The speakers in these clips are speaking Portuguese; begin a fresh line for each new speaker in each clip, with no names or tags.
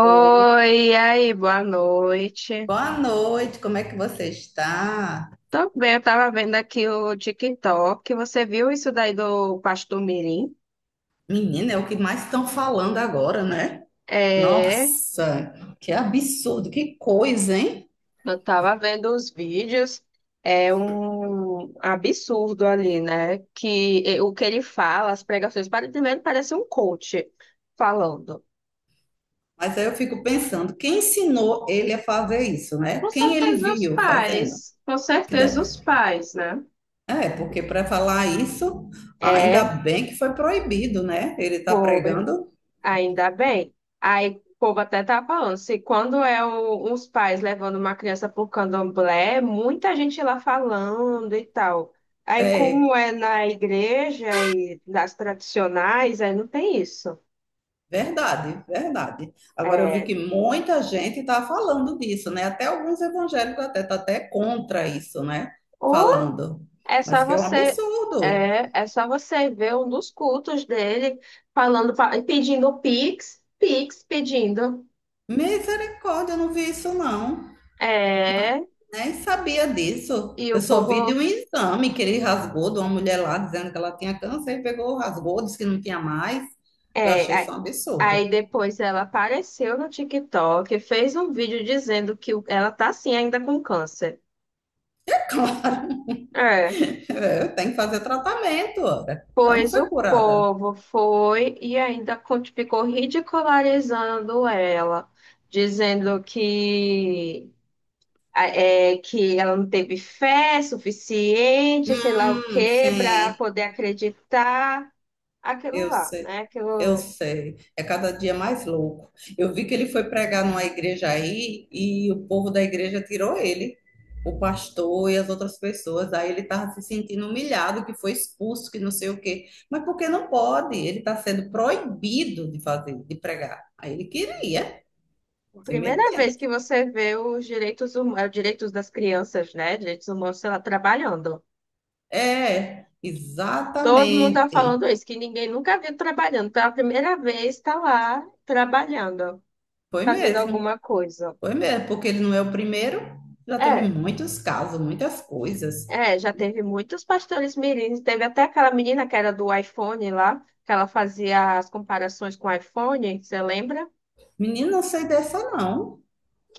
Ô,
e aí, boa noite.
boa noite, como é que você está?
Tô bem, eu tava vendo aqui o TikTok. Você viu isso daí do Pastor Mirim?
Menina, é o que mais estão falando agora, né?
É,
Nossa, que absurdo, que coisa, hein?
eu tava vendo os vídeos. É um absurdo ali, né? Que o que ele fala, as pregações, primeiro parece um coach falando.
Mas aí eu fico pensando, quem ensinou ele a fazer isso, né?
Com
Quem ele
certeza os
viu fazendo?
pais, com
Que
certeza os
deve-
pais, né?
É, porque para falar isso, ainda
É,
bem que foi proibido, né? Ele está
foi.
pregando
Ainda bem. Aí o povo até tá falando, se quando uns pais levando uma criança pro candomblé, muita gente lá falando e tal. Aí
é.
como é na igreja e das tradicionais, aí não tem isso.
Verdade, verdade. Agora eu vi
É,
que muita gente está falando disso, né? Até alguns evangélicos até tá até contra isso, né?
ou
Falando.
é só
Mas que é um
você
absurdo.
é, só você ver um dos cultos dele falando, pedindo Pix, Pix pedindo.
Misericórdia, eu não vi isso não.
É,
Nem sabia disso.
e
Eu
o
só vi de um
povo
exame que ele rasgou de uma mulher lá dizendo que ela tinha câncer e pegou, rasgou, disse que não tinha mais. Eu
é,
achei isso
aí
um absurdo.
depois ela apareceu no TikTok, fez um vídeo dizendo que ela tá assim ainda com câncer. É,
Eu tenho que fazer tratamento, ora. Ela não
pois
foi
o
curada.
povo foi e ainda ficou ridicularizando ela, dizendo que é, que ela não teve fé suficiente, sei lá o quê, para
Sim,
poder acreditar aquilo
eu
lá,
sei.
né?
Eu
Aquilo...
sei, é cada dia mais louco. Eu vi que ele foi pregar numa igreja aí e o povo da igreja tirou ele, o pastor e as outras pessoas. Aí ele estava se sentindo humilhado, que foi expulso, que não sei o quê. Mas porque não pode? Ele está sendo proibido de fazer, de pregar. Aí ele queria,
A
se
primeira
metendo.
vez que você vê os direitos, direitos das crianças, né? Direitos humanos, sei lá, trabalhando.
É,
Todo mundo tá
exatamente.
falando isso, que ninguém nunca viu trabalhando. Pela primeira vez está lá trabalhando,
Foi
fazendo
mesmo,
alguma coisa.
foi mesmo, porque ele não é o primeiro. Já teve
É,
muitos casos, muitas coisas.
é, já teve muitos pastores mirins. Teve até aquela menina que era do iPhone lá, que ela fazia as comparações com o iPhone, você lembra?
Menino, não sei dessa não.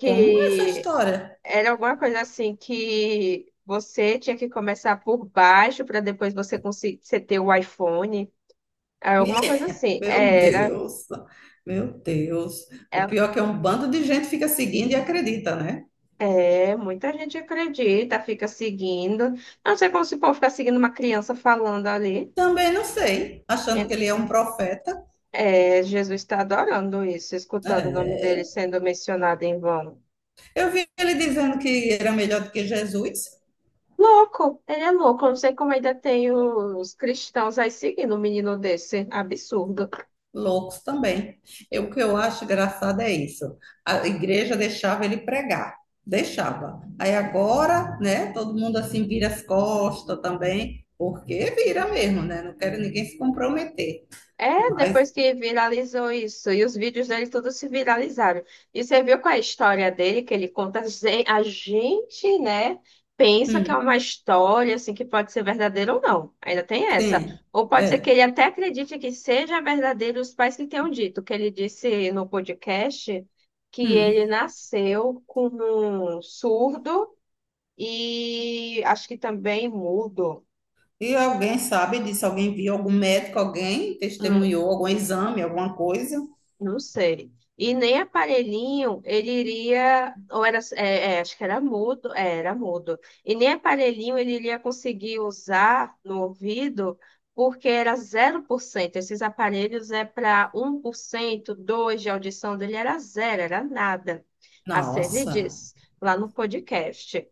Como é essa história?
era alguma coisa assim, que você tinha que começar por baixo para depois você conseguir você ter o iPhone. Era alguma coisa assim.
Meu
Era.
Deus, meu Deus. O
É,
pior é que é um bando de gente fica seguindo e acredita, né?
é, muita gente acredita, fica seguindo. Não sei como se o povo fica seguindo uma criança falando ali.
Também não sei, achando
É,
que ele é um profeta.
é, Jesus está adorando isso, escutando o nome
É.
dele sendo mencionado em vão.
Eu vi ele dizendo que era melhor do que Jesus.
Louco, ele é louco. Eu não sei como ainda tem os cristãos aí seguindo um menino desse. Absurdo.
Loucos também. Eu, o que eu acho engraçado é isso. A igreja deixava ele pregar, deixava. Aí agora, né, todo mundo assim vira as costas também, porque vira mesmo, né? Não quero ninguém se comprometer.
É,
Mas,
depois que viralizou isso, e os vídeos dele todos se viralizaram. E você viu qual é a história dele, que ele conta, a gente, né, pensa que é
hum,
uma história, assim, que pode ser verdadeira ou não. Ainda tem essa.
sim,
Ou pode ser que
é.
ele até acredite que seja verdadeiro, os pais que tenham dito, que ele disse no podcast que ele
Hum.
nasceu com um surdo e acho que também mudo.
E alguém sabe disso? Alguém viu? Algum médico? Alguém testemunhou? Algum exame? Alguma coisa?
Não sei. E nem aparelhinho ele iria, ou era, acho que era mudo, é, era mudo. E nem aparelhinho ele iria conseguir usar no ouvido, porque era zero por cento. Esses aparelhos é para um 1%, 2% de audição dele, era zero, era nada. Assim ele
Nossa,
diz lá no podcast.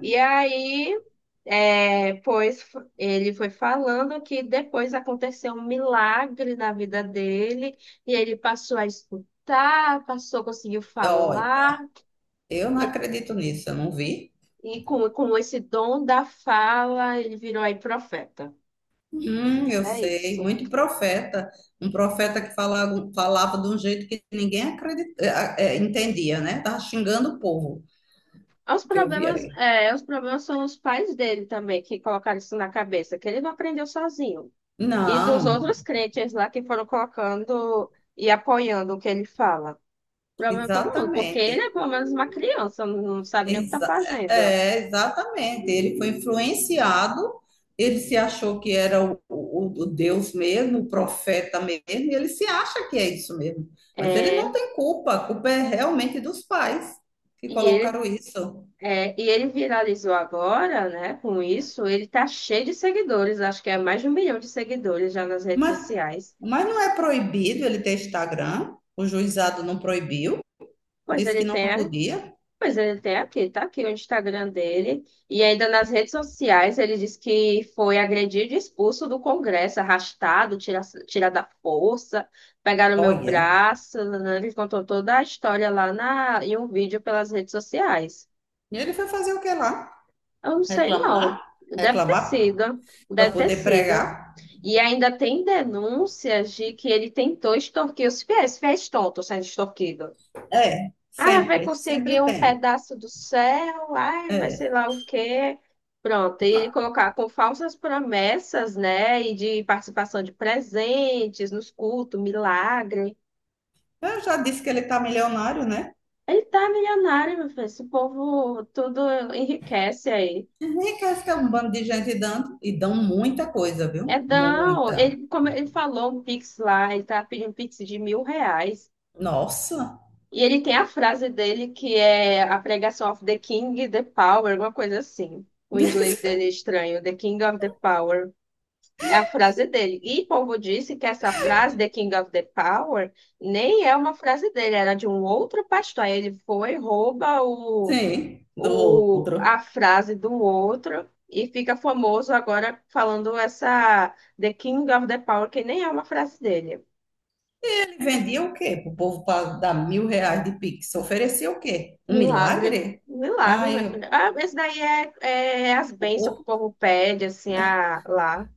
E aí, é, ele foi falando que depois aconteceu um milagre na vida dele, e ele passou a escutar, passou, conseguiu
olha,
falar,
eu não
e,
acredito nisso, eu não vi.
com esse dom da fala, ele virou aí profeta.
Eu
É
sei,
isso.
muito profeta. Um profeta que falava, falava de um jeito que ninguém entendia, né? Tava xingando o povo
Os
que eu vi
problemas,
ali.
é, os problemas são os pais dele também, que colocaram isso na cabeça, que ele não aprendeu sozinho. E dos
Não,
outros crentes lá que foram colocando e apoiando o que ele fala. Problema todo mundo, porque ele é
exatamente.
pelo menos uma criança, não sabe nem o que tá
Exa-
fazendo.
é, exatamente. Ele foi influenciado, ele se achou que era o Deus mesmo, o profeta mesmo, e ele se acha que é isso mesmo. Mas ele
É,
não tem culpa, a culpa é realmente dos pais que
e ele,
colocaram isso.
é, e ele viralizou agora, né? Com isso, ele tá cheio de seguidores, acho que é mais de 1 milhão de seguidores já nas redes
Mas,
sociais.
mas não é proibido ele ter Instagram, o juizado não proibiu,
Pois
disse que
ele
não
tem
podia.
Pois ele tem aqui, tá aqui o Instagram dele. E ainda nas redes sociais ele disse que foi agredido e expulso do Congresso, arrastado, tirado à força, pegaram meu
Olha,
braço, né? Ele contou toda a história lá em um vídeo pelas redes sociais.
e ele foi fazer o que lá?
Eu não sei, não.
Reclamar?
Deve ter
Reclamar
sido.
para
Deve ter
poder
sido.
pregar?
E ainda tem denúncias de que ele tentou extorquir os fiéis, fiéis tontos sendo extorquidos.
É,
Ah, vai
sempre, sempre
conseguir um
tem.
pedaço do céu, ai, vai sei lá o quê. Pronto, e ele
Tá.
colocar com falsas promessas, né? E de participação de presentes nos cultos, milagre.
Eu já disse que ele tá milionário, né?
Ele tá milionário, meu filho. Esse povo tudo enriquece aí.
Enriquece que é um bando de gente dando e dão muita coisa, viu?
É, não,
Muita.
ele, como ele falou um Pix lá, ele tá pedindo um Pix de 1.000 reais.
Nossa.
E ele tem a frase dele que é a pregação of the King, the power, alguma coisa assim. O inglês dele é estranho, the King of the Power, é a frase dele. E povo disse que essa frase, The King of the Power, nem é uma frase dele, era de um outro pastor. Aí ele foi, rouba
Sim, do
a
outro.
frase do outro e fica famoso agora falando essa The King of the Power, que nem é uma frase dele.
Ele vendia o quê? Pro povo pra dar R$ 1.000 de Pix. Oferecia o quê? Um
Milagre,
milagre?
milagre, minha
Ai,
filha. Ah, esse daí é, é as
o
bênçãos que o
povo,
povo pede, assim, a, lá.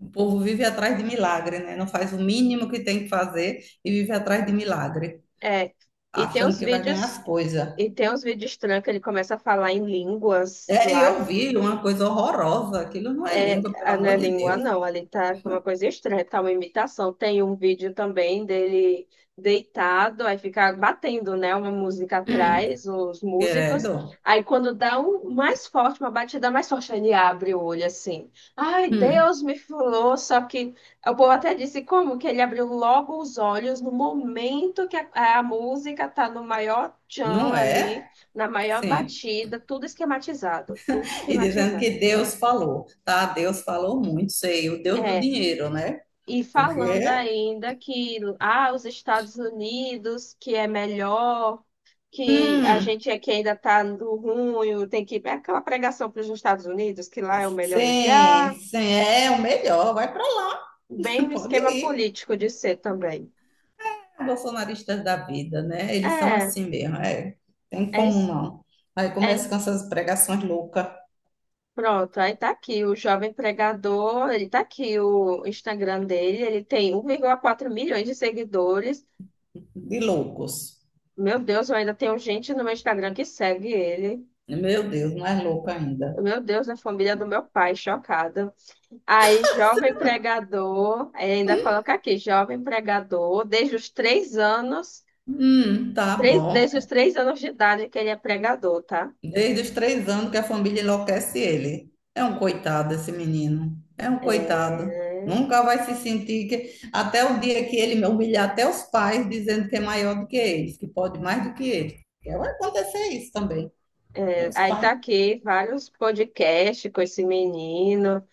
o povo vive atrás de milagre, né? Não faz o mínimo que tem que fazer e vive atrás de milagre,
É, e tem
achando
uns
que vai ganhar as
vídeos,
coisas.
e tem uns vídeos estranhos que ele começa a falar em línguas
É, e
lá.
eu vi uma coisa horrorosa. Aquilo não é
É,
língua, pelo
ah, não é
amor de
língua,
Deus.
não. Ali tá uma coisa estranha, tá uma imitação. Tem um vídeo também dele deitado, aí fica batendo, né? Uma música atrás, os músicos.
Credo.
Aí quando dá um mais forte, uma batida mais forte, ele abre o olho assim. Ai,
Hum.
Deus me falou, só que o povo até disse como que ele abriu logo os olhos no momento que a música tá no maior
Não
tchan ali,
é?
na maior
Sim.
batida, tudo esquematizado, tudo
E dizendo
esquematizado.
que Deus falou, tá? Deus falou muito, sei, o Deus do
É,
dinheiro, né?
e
Porque,
falando ainda que ah, os Estados Unidos, que é melhor, que a
hum,
gente aqui ainda está no ruim, tem que ir. É aquela pregação para os Estados Unidos, que lá é o melhor
sim,
lugar.
sim, é o melhor, vai pra lá,
Bem o
pode
esquema
ir.
político de ser também.
Bolsonaristas da vida, né? Eles são
É,
assim mesmo, é. Tem
é,
como
isso-
não. Aí
é.
começa com essas pregações loucas,
Pronto, aí tá aqui o jovem pregador, ele tá aqui o Instagram dele, ele tem 1,4 milhões de seguidores.
de loucos.
Meu Deus, eu ainda tenho gente no meu Instagram que segue ele.
Meu Deus, mais louco ainda.
Meu Deus, na família do meu pai, chocada. Aí, jovem pregador, aí ainda coloca aqui, jovem pregador, desde os 3 anos,
Tá bom.
desde os três anos de idade que ele é pregador, tá?
Desde os 3 anos que a família enlouquece ele. É um coitado esse menino. É um coitado.
É,
Nunca vai se sentir que. Até o dia que ele humilhar até os pais, dizendo que é maior do que eles, que pode mais do que eles. Porque vai acontecer isso também. Os
aí tá
pais.
aqui vários podcasts com esse menino.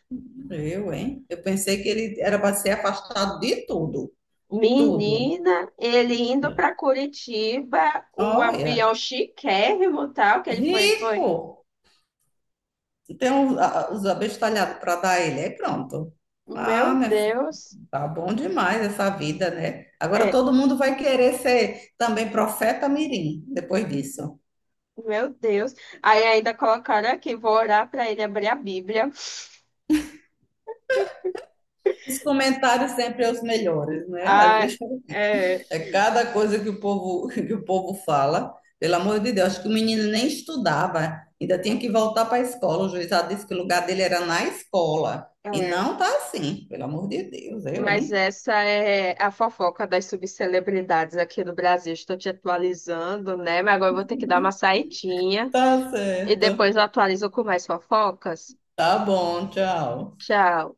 Eu, hein? Eu pensei que ele era para ser afastado de tudo. Tudo.
Menina, ele indo para Curitiba, o avião
Olha,
chiquérrimo, tal, que ele foi, foi.
rico. Os abestalhados para dar a ele, aí pronto. Ah,
Meu
minha filha,
Deus.
tá bom demais essa vida, né? Agora
É.
todo mundo vai querer ser também profeta mirim depois disso.
Meu Deus. Aí ainda colocaram aqui, vou orar para ele abrir a Bíblia.
Os comentários sempre são os melhores, né?
Ah, é,
É cada coisa que que o povo fala. Pelo amor de Deus, acho que o menino nem estudava, ainda tinha que voltar para a escola. O juiz já disse que o lugar dele era na escola. E
é.
não tá assim, pelo amor de Deus, eu,
Mas
hein?
essa é a fofoca das subcelebridades aqui no Brasil. Estou te atualizando, né? Mas agora eu vou ter que dar uma saidinha
Tá
e
certo.
depois eu atualizo com mais fofocas.
Tá bom, tchau.
Tchau.